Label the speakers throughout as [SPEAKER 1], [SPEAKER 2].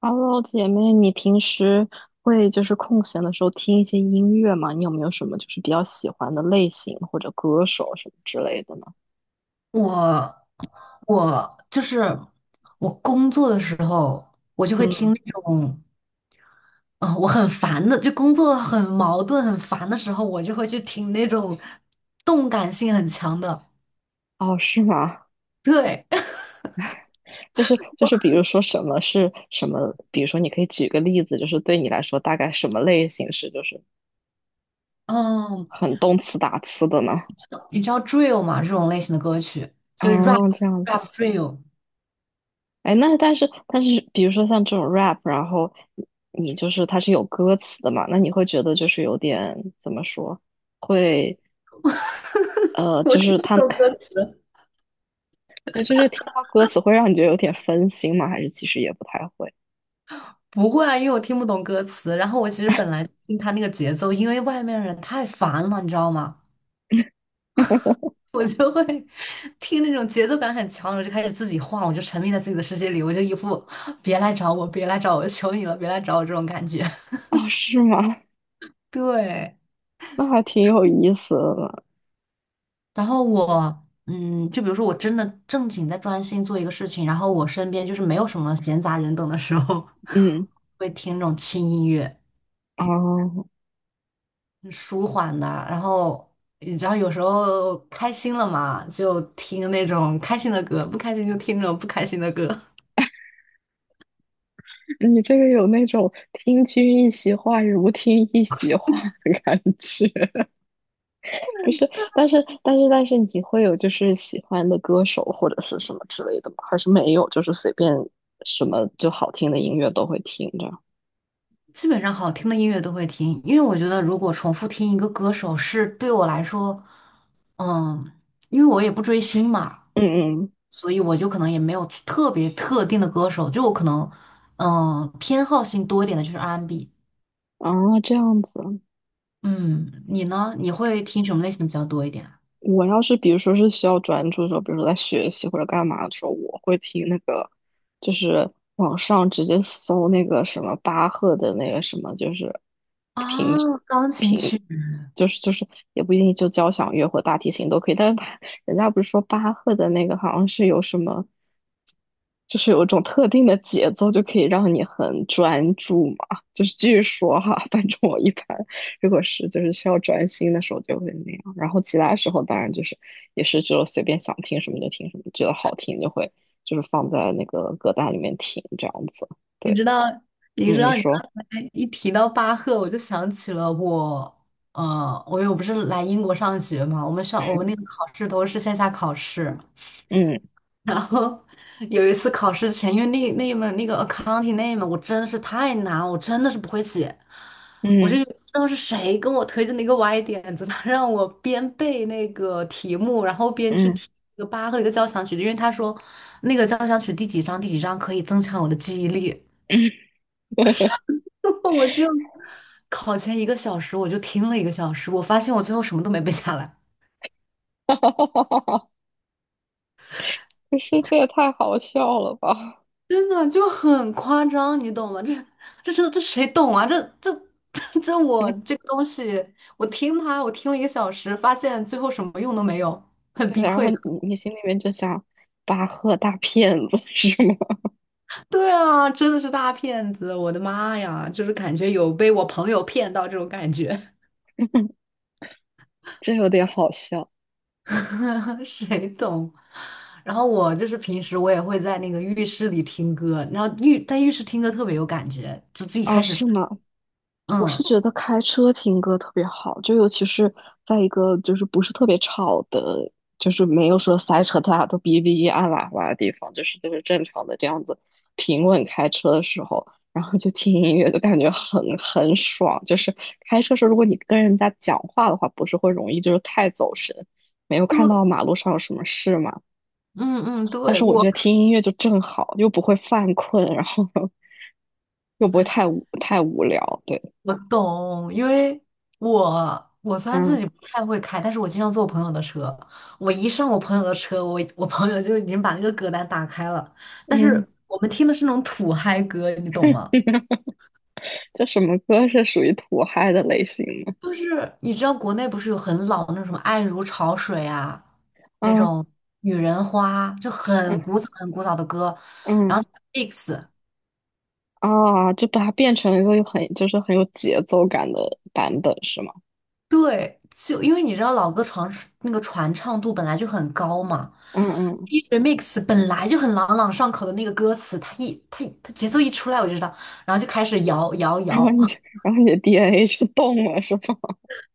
[SPEAKER 1] Hello，姐妹，你平时会就是空闲的时候听一些音乐吗？你有没有什么就是比较喜欢的类型或者歌手什么之类的呢？
[SPEAKER 2] 我我就是我工作的时候，我就会听
[SPEAKER 1] 嗯，
[SPEAKER 2] 那种，我很烦的，就工作很矛盾、很烦的时候，我就会去听那种动感性很强的。
[SPEAKER 1] 哦，是吗？
[SPEAKER 2] 对，
[SPEAKER 1] 就是，比如说什么是什么？比如说，你可以举个例子，就是对你来说，大概什么类型是就是
[SPEAKER 2] 嗯，
[SPEAKER 1] 很动词打词的呢？
[SPEAKER 2] 你知道 drill 吗？这种类型的歌曲就是 rap
[SPEAKER 1] 哦，这样子。
[SPEAKER 2] rap drill。
[SPEAKER 1] 哎，那但是，比如说像这种 rap，然后你就是它是有歌词的嘛，那你会觉得就是有点怎么说，会
[SPEAKER 2] 我
[SPEAKER 1] 就
[SPEAKER 2] 听
[SPEAKER 1] 是
[SPEAKER 2] 不
[SPEAKER 1] 他，
[SPEAKER 2] 懂歌 词。
[SPEAKER 1] 对，就是听到歌词会让你觉得有点分心吗？还是其实也不太会？
[SPEAKER 2] 不会啊，因为我听不懂歌词。然后我其实本来听他那个节奏，因为外面人太烦了，你知道吗？我就会听那种节奏感很强的，我就开始自己晃，我就沉迷在自己的世界里，我就一副别来找我，别来找我，求你了，别来找我这种感觉。
[SPEAKER 1] 哦，是吗？
[SPEAKER 2] 对，
[SPEAKER 1] 那还挺有意思的。
[SPEAKER 2] 然后我，嗯，就比如说我真的正经在专心做一个事情，然后我身边就是没有什么闲杂人等的时候，
[SPEAKER 1] 嗯，
[SPEAKER 2] 会听那种轻音乐，
[SPEAKER 1] 哦，
[SPEAKER 2] 舒缓的，然后。你知道，有时候开心了嘛，就听那种开心的歌；不开心就听那种不开心的歌。
[SPEAKER 1] 你这个有那种听君一席话，如听一席话的感觉，不是？但是，你会有就是喜欢的歌手或者是什么之类的吗？还是没有？就是随便什么就好听的音乐都会听着。
[SPEAKER 2] 基本上好听的音乐都会听，因为我觉得如果重复听一个歌手是对我来说，嗯，因为我也不追星嘛，
[SPEAKER 1] 嗯嗯，
[SPEAKER 2] 所以我就可能也没有特别特定的歌手，就我可能，嗯，偏好性多一点的就是 R&B。
[SPEAKER 1] 啊，这样子。
[SPEAKER 2] 嗯，你呢？你会听什么类型的比较多一点
[SPEAKER 1] 我要是比如说是需要专注的时候，比如说在学习或者干嘛的时候，我会听那个，就是网上直接搜那个什么巴赫的那个什么，就是平
[SPEAKER 2] 啊？钢琴
[SPEAKER 1] 平，
[SPEAKER 2] 曲，
[SPEAKER 1] 就是也不一定就交响乐或大提琴都可以，但是他人家不是说巴赫的那个好像是有什么，就是有一种特定的节奏就可以让你很专注嘛，就是据说哈，反正我一般。如果是就是需要专心的时候就会那样，然后其他时候当然就是也是就随便想听什么就听什么，觉得好听就会就是放在那个歌单里面听这样子。
[SPEAKER 2] 你
[SPEAKER 1] 对，
[SPEAKER 2] 知道，你知
[SPEAKER 1] 嗯，你
[SPEAKER 2] 道，你刚
[SPEAKER 1] 说，
[SPEAKER 2] 才一提到巴赫，我就想起了我。我又不是来英国上学嘛，我们
[SPEAKER 1] 嗯
[SPEAKER 2] 那个考试都是线下考试，
[SPEAKER 1] 嗯
[SPEAKER 2] 然后有一次考试前，因为那一门那个 accounting 那一门我真的是太难，我真的是不会写，我就
[SPEAKER 1] 嗯
[SPEAKER 2] 不知道是谁跟我推荐的一个歪点子，他让我边背那个题目，然后边去
[SPEAKER 1] 嗯，
[SPEAKER 2] 听一个八和一个交响曲，因为他说那个交响曲第几章第几章可以增强我的记忆力。我就考前一个小时我就听了一个小时，我发现我最后什么都没背下来。
[SPEAKER 1] 哈哈哈哈哈哈，不是这也太好笑了吧？
[SPEAKER 2] 真的就很夸张，你懂吗？这谁懂啊？这 我
[SPEAKER 1] 嗯，
[SPEAKER 2] 这个东西，我听它，我听了一个小时，发现最后什么用都没有，很
[SPEAKER 1] 对，
[SPEAKER 2] 崩
[SPEAKER 1] 然后
[SPEAKER 2] 溃
[SPEAKER 1] 你
[SPEAKER 2] 的。
[SPEAKER 1] 你心里面就想巴赫大骗子是吗？
[SPEAKER 2] 对啊，真的是大骗子！我的妈呀，就是感觉有被我朋友骗到这种感觉。
[SPEAKER 1] 这有点好笑
[SPEAKER 2] 谁懂？然后我就是平时我也会在那个浴室里听歌，然后在浴室听歌特别有感觉，就自己
[SPEAKER 1] 哦，
[SPEAKER 2] 开始
[SPEAKER 1] 是
[SPEAKER 2] 唱，
[SPEAKER 1] 吗？我是
[SPEAKER 2] 嗯。
[SPEAKER 1] 觉得开车听歌特别好，就尤其是在一个就是不是特别吵的，就是没有说塞车，大家都哔哔按喇叭的地方，就是正常的这样子平稳开车的时候，然后就听音乐，就感觉很爽。就是开车时候，如果你跟人家讲话的话，不是会容易就是太走神，没有看
[SPEAKER 2] 对，
[SPEAKER 1] 到马路上有什么事嘛。
[SPEAKER 2] 嗯嗯，
[SPEAKER 1] 但
[SPEAKER 2] 对，
[SPEAKER 1] 是我觉
[SPEAKER 2] 我
[SPEAKER 1] 得听音乐就正好，又不会犯困，然后 又不会太无聊。对，
[SPEAKER 2] 我懂，因为我我虽然自
[SPEAKER 1] 嗯
[SPEAKER 2] 己不太会开，但是我经常坐我朋友的车。我一上我朋友的车，我朋友就已经把那个歌单打开了。但
[SPEAKER 1] 嗯。
[SPEAKER 2] 是我们听的是那种土嗨歌，你懂吗？
[SPEAKER 1] 这什么歌是属于土嗨的类型呢？
[SPEAKER 2] 就是你知道国内不是有很老的那种什么《爱如潮水》啊，那
[SPEAKER 1] 嗯
[SPEAKER 2] 种《女人花》，就
[SPEAKER 1] 嗯
[SPEAKER 2] 很古早的歌，
[SPEAKER 1] 嗯，
[SPEAKER 2] 然后 mix。
[SPEAKER 1] 啊，就把它变成了一个很就是很有节奏感的版本是吗？
[SPEAKER 2] 对，就因为你知道老歌传那个传唱度本来就很高嘛，
[SPEAKER 1] 嗯嗯，
[SPEAKER 2] 一 remix 本来就很朗朗上口的那个歌词，它节奏一出来我就知道，然后就开始摇摇
[SPEAKER 1] 然后
[SPEAKER 2] 摇。
[SPEAKER 1] 你 然后你的 DNA 就动了是吗？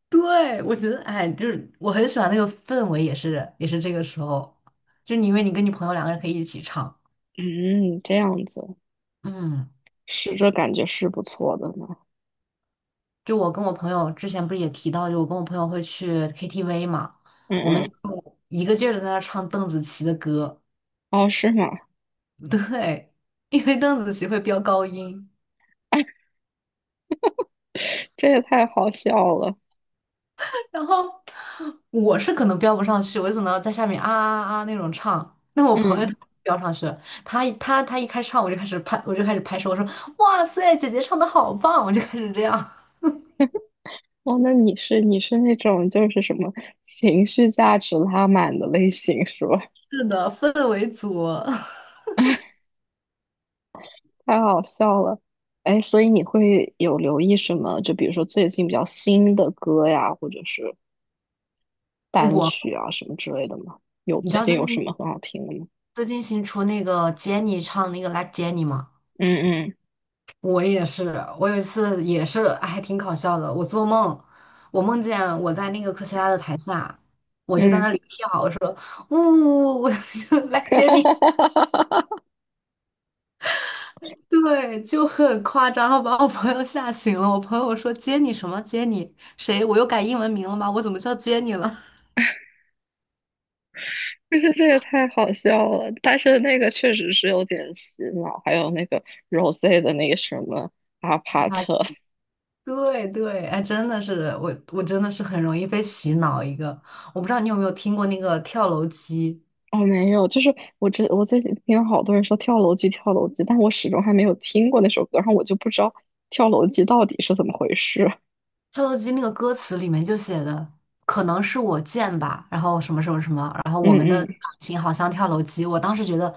[SPEAKER 2] 对，我觉得哎，就是我很喜欢那个氛围，也是这个时候，因为你跟你朋友两个人可以一起唱，
[SPEAKER 1] 嗯，这样子
[SPEAKER 2] 嗯，
[SPEAKER 1] 是这感觉是不错的呢。
[SPEAKER 2] 就我跟我朋友之前不是也提到，就我跟我朋友会去 KTV 嘛，我们
[SPEAKER 1] 嗯
[SPEAKER 2] 就
[SPEAKER 1] 嗯，
[SPEAKER 2] 一个劲儿的在那唱邓紫棋的歌。
[SPEAKER 1] 哦是吗？
[SPEAKER 2] 对，因为邓紫棋会飙高音，
[SPEAKER 1] 这也太好笑了。
[SPEAKER 2] 然后我是可能飙不上去，我就只能在下面啊啊啊啊那种唱。那我朋友他
[SPEAKER 1] 嗯，
[SPEAKER 2] 飙上去了，他一开唱我就开始拍，我就开始拍手，我说哇塞，姐姐唱的好棒，我就开始这样。
[SPEAKER 1] 哦，那你是那种就是什么情绪价值拉满的类型是吧？
[SPEAKER 2] 是的，氛围组。
[SPEAKER 1] 太好笑了，哎，所以你会有留意什么？就比如说最近比较新的歌呀，或者是单
[SPEAKER 2] 我，
[SPEAKER 1] 曲啊什么之类的吗？有
[SPEAKER 2] 你知
[SPEAKER 1] 最
[SPEAKER 2] 道
[SPEAKER 1] 近
[SPEAKER 2] 最
[SPEAKER 1] 有什
[SPEAKER 2] 近
[SPEAKER 1] 么很好听的吗？
[SPEAKER 2] 最近新出那个 Jennie 唱那个 Like Jennie 吗？
[SPEAKER 1] 嗯
[SPEAKER 2] 我也是，我有一次也是还挺搞笑的。我做梦，我梦见我在那个科切拉的台下，我就在
[SPEAKER 1] 嗯嗯，
[SPEAKER 2] 那里跳，然后呜，我 就来接你，对，就很夸张，然后把我朋友吓醒了。我朋友说接你什么接你谁？我又改英文名了吗？我怎么叫接你了？
[SPEAKER 1] 就是这个太好笑了，但是那个确实是有点洗脑，还有那个 Rose 的那个什么阿帕
[SPEAKER 2] 啊，
[SPEAKER 1] 特，
[SPEAKER 2] 对，哎，真的是我，我真的是很容易被洗脑一个。我不知道你有没有听过那个跳楼机。
[SPEAKER 1] 哦没有，就是我这我最近听好多人说跳楼机跳楼机，但我始终还没有听过那首歌，然后我就不知道跳楼机到底是怎么回事。
[SPEAKER 2] 跳楼机那个歌词里面就写的，可能是我贱吧，然后什么什么什么，然后我
[SPEAKER 1] 嗯
[SPEAKER 2] 们的感
[SPEAKER 1] 嗯
[SPEAKER 2] 情好像跳楼机。我当时觉得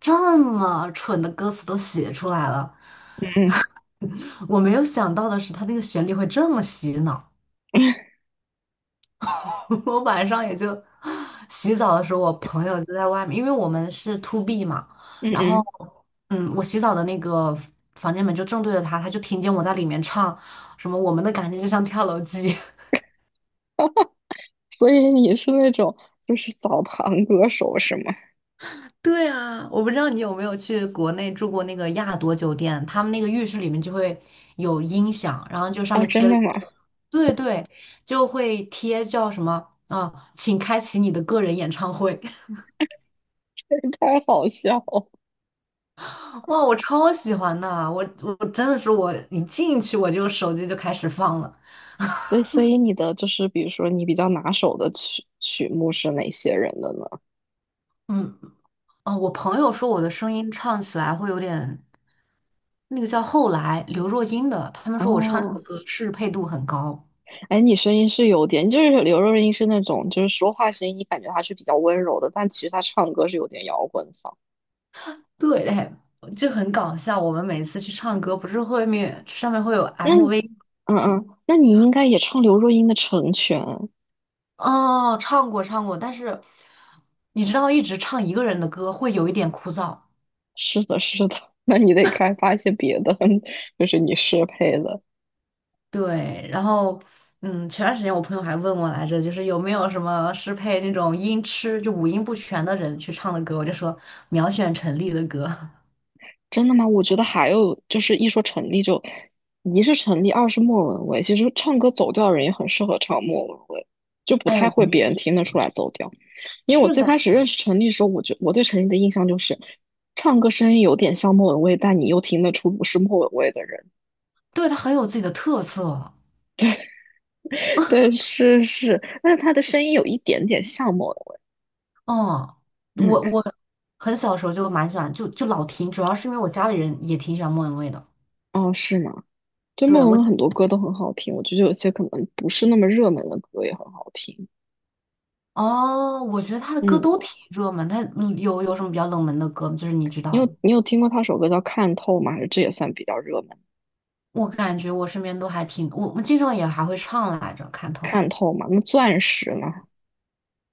[SPEAKER 2] 这么蠢的歌词都写出来了，
[SPEAKER 1] 嗯
[SPEAKER 2] 我没有想到的是它那个旋律会这么洗脑。
[SPEAKER 1] 嗯
[SPEAKER 2] 我晚上也就洗澡的时候，我朋友就在外面，因为我们是 to B 嘛，
[SPEAKER 1] 嗯
[SPEAKER 2] 然后
[SPEAKER 1] 嗯，
[SPEAKER 2] 嗯，我洗澡的那个房间门就正对着他，他就听见我在里面唱什么我们的感情就像跳楼机。
[SPEAKER 1] 所以你是那种就是澡堂歌手是吗？
[SPEAKER 2] 对啊，我不知道你有没有去国内住过那个亚朵酒店，他们那个浴室里面就会有音响，然后就上
[SPEAKER 1] 哦，
[SPEAKER 2] 面贴
[SPEAKER 1] 真
[SPEAKER 2] 了一
[SPEAKER 1] 的吗？
[SPEAKER 2] 个，对，就会贴叫什么啊，请开启你的个人演唱会。
[SPEAKER 1] 太好笑了。
[SPEAKER 2] 哇，我超喜欢的啊，我真的是我一进去我就手机就开始放了。
[SPEAKER 1] 对，所以你的就是比如说你比较拿手的曲目是哪些人的呢？
[SPEAKER 2] 嗯，哦，我朋友说我的声音唱起来会有点那个叫后来刘若英的，他们说我唱这首
[SPEAKER 1] 哦，
[SPEAKER 2] 歌适配度很高。
[SPEAKER 1] 哎，你声音是有点，就是刘若英是那种就是说话声音，你感觉她是比较温柔的，但其实她唱歌是有点摇滚嗓。
[SPEAKER 2] 对，哎，就很搞笑。我们每次去唱歌，不是后面上面会有
[SPEAKER 1] 那你，
[SPEAKER 2] MV
[SPEAKER 1] 嗯嗯，那你应该也唱刘若英的《成全》。
[SPEAKER 2] 哦，唱过，但是你知道，一直唱一个人的歌会有一点枯燥。
[SPEAKER 1] 是的，是的，那你得开发一些别的，就是你适配的。
[SPEAKER 2] 对，然后嗯，前段时间我朋友还问我来着，就是有没有什么适配那种音痴，就五音不全的人去唱的歌，我就说秒选陈粒的歌。
[SPEAKER 1] 真的吗？我觉得还有就是一说陈粒就，一是陈粒，二是莫文蔚。其实唱歌走调的人也很适合唱莫文蔚，就不
[SPEAKER 2] 哎，
[SPEAKER 1] 太
[SPEAKER 2] 我
[SPEAKER 1] 会别人听得出来走调。因为我
[SPEAKER 2] 是
[SPEAKER 1] 最
[SPEAKER 2] 的，
[SPEAKER 1] 开始认识陈粒的时候，我对陈粒的印象就是唱歌声音有点像莫文蔚，但你又听得出不是莫文蔚的人。
[SPEAKER 2] 对，他很有自己的特色。
[SPEAKER 1] 对，是是，但是他的声音有一点点像莫文蔚。
[SPEAKER 2] 哦，
[SPEAKER 1] 嗯，
[SPEAKER 2] 我很小时候就蛮喜欢，就老听，主要是因为我家里人也挺喜欢莫文蔚的。
[SPEAKER 1] 哦，是吗？对，
[SPEAKER 2] 对，
[SPEAKER 1] 莫文
[SPEAKER 2] 我，
[SPEAKER 1] 蔚很多歌都很好听，我觉得有些可能不是那么热门的歌也很好听。
[SPEAKER 2] 哦，我觉得他的歌
[SPEAKER 1] 嗯。
[SPEAKER 2] 都挺热门，他有有什么比较冷门的歌吗？就是你知
[SPEAKER 1] 你
[SPEAKER 2] 道的。
[SPEAKER 1] 有你有听过他首歌叫《看透》吗？还是这也算比较热门？
[SPEAKER 2] 我感觉我身边都还挺，我们经常也还会唱来着，看透
[SPEAKER 1] 看透嘛，那钻石呢？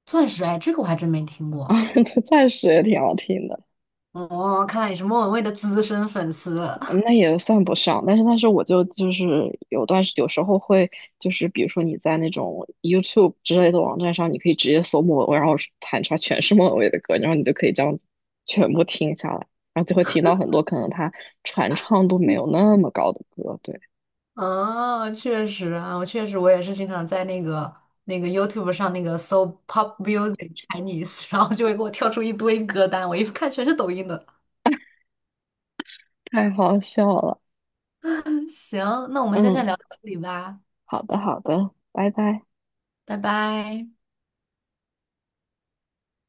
[SPEAKER 2] 钻石，哎，这个我还真没听
[SPEAKER 1] 啊，
[SPEAKER 2] 过。
[SPEAKER 1] 钻石也挺好听的，
[SPEAKER 2] 哦，看来你是莫文蔚的资深粉丝。
[SPEAKER 1] 嗯那也算不上。但是我就是有时候会就是比如说你在那种 YouTube 之类的网站上，你可以直接搜莫文蔚，然后弹出来全是莫文蔚的歌，然后你就可以这样全部听下来，然后就会听到很多可能他传唱度没有那么高的歌。对，
[SPEAKER 2] 哦，确实啊，我确实我也是经常在那个YouTube 上那个搜 Pop Music Chinese,然后就会给我跳出一堆歌单，我一看全是抖音的。
[SPEAKER 1] 太好笑了。
[SPEAKER 2] 行，那我们今天
[SPEAKER 1] 嗯，
[SPEAKER 2] 先聊到这里吧，
[SPEAKER 1] 好的，好的，拜拜。
[SPEAKER 2] 拜拜。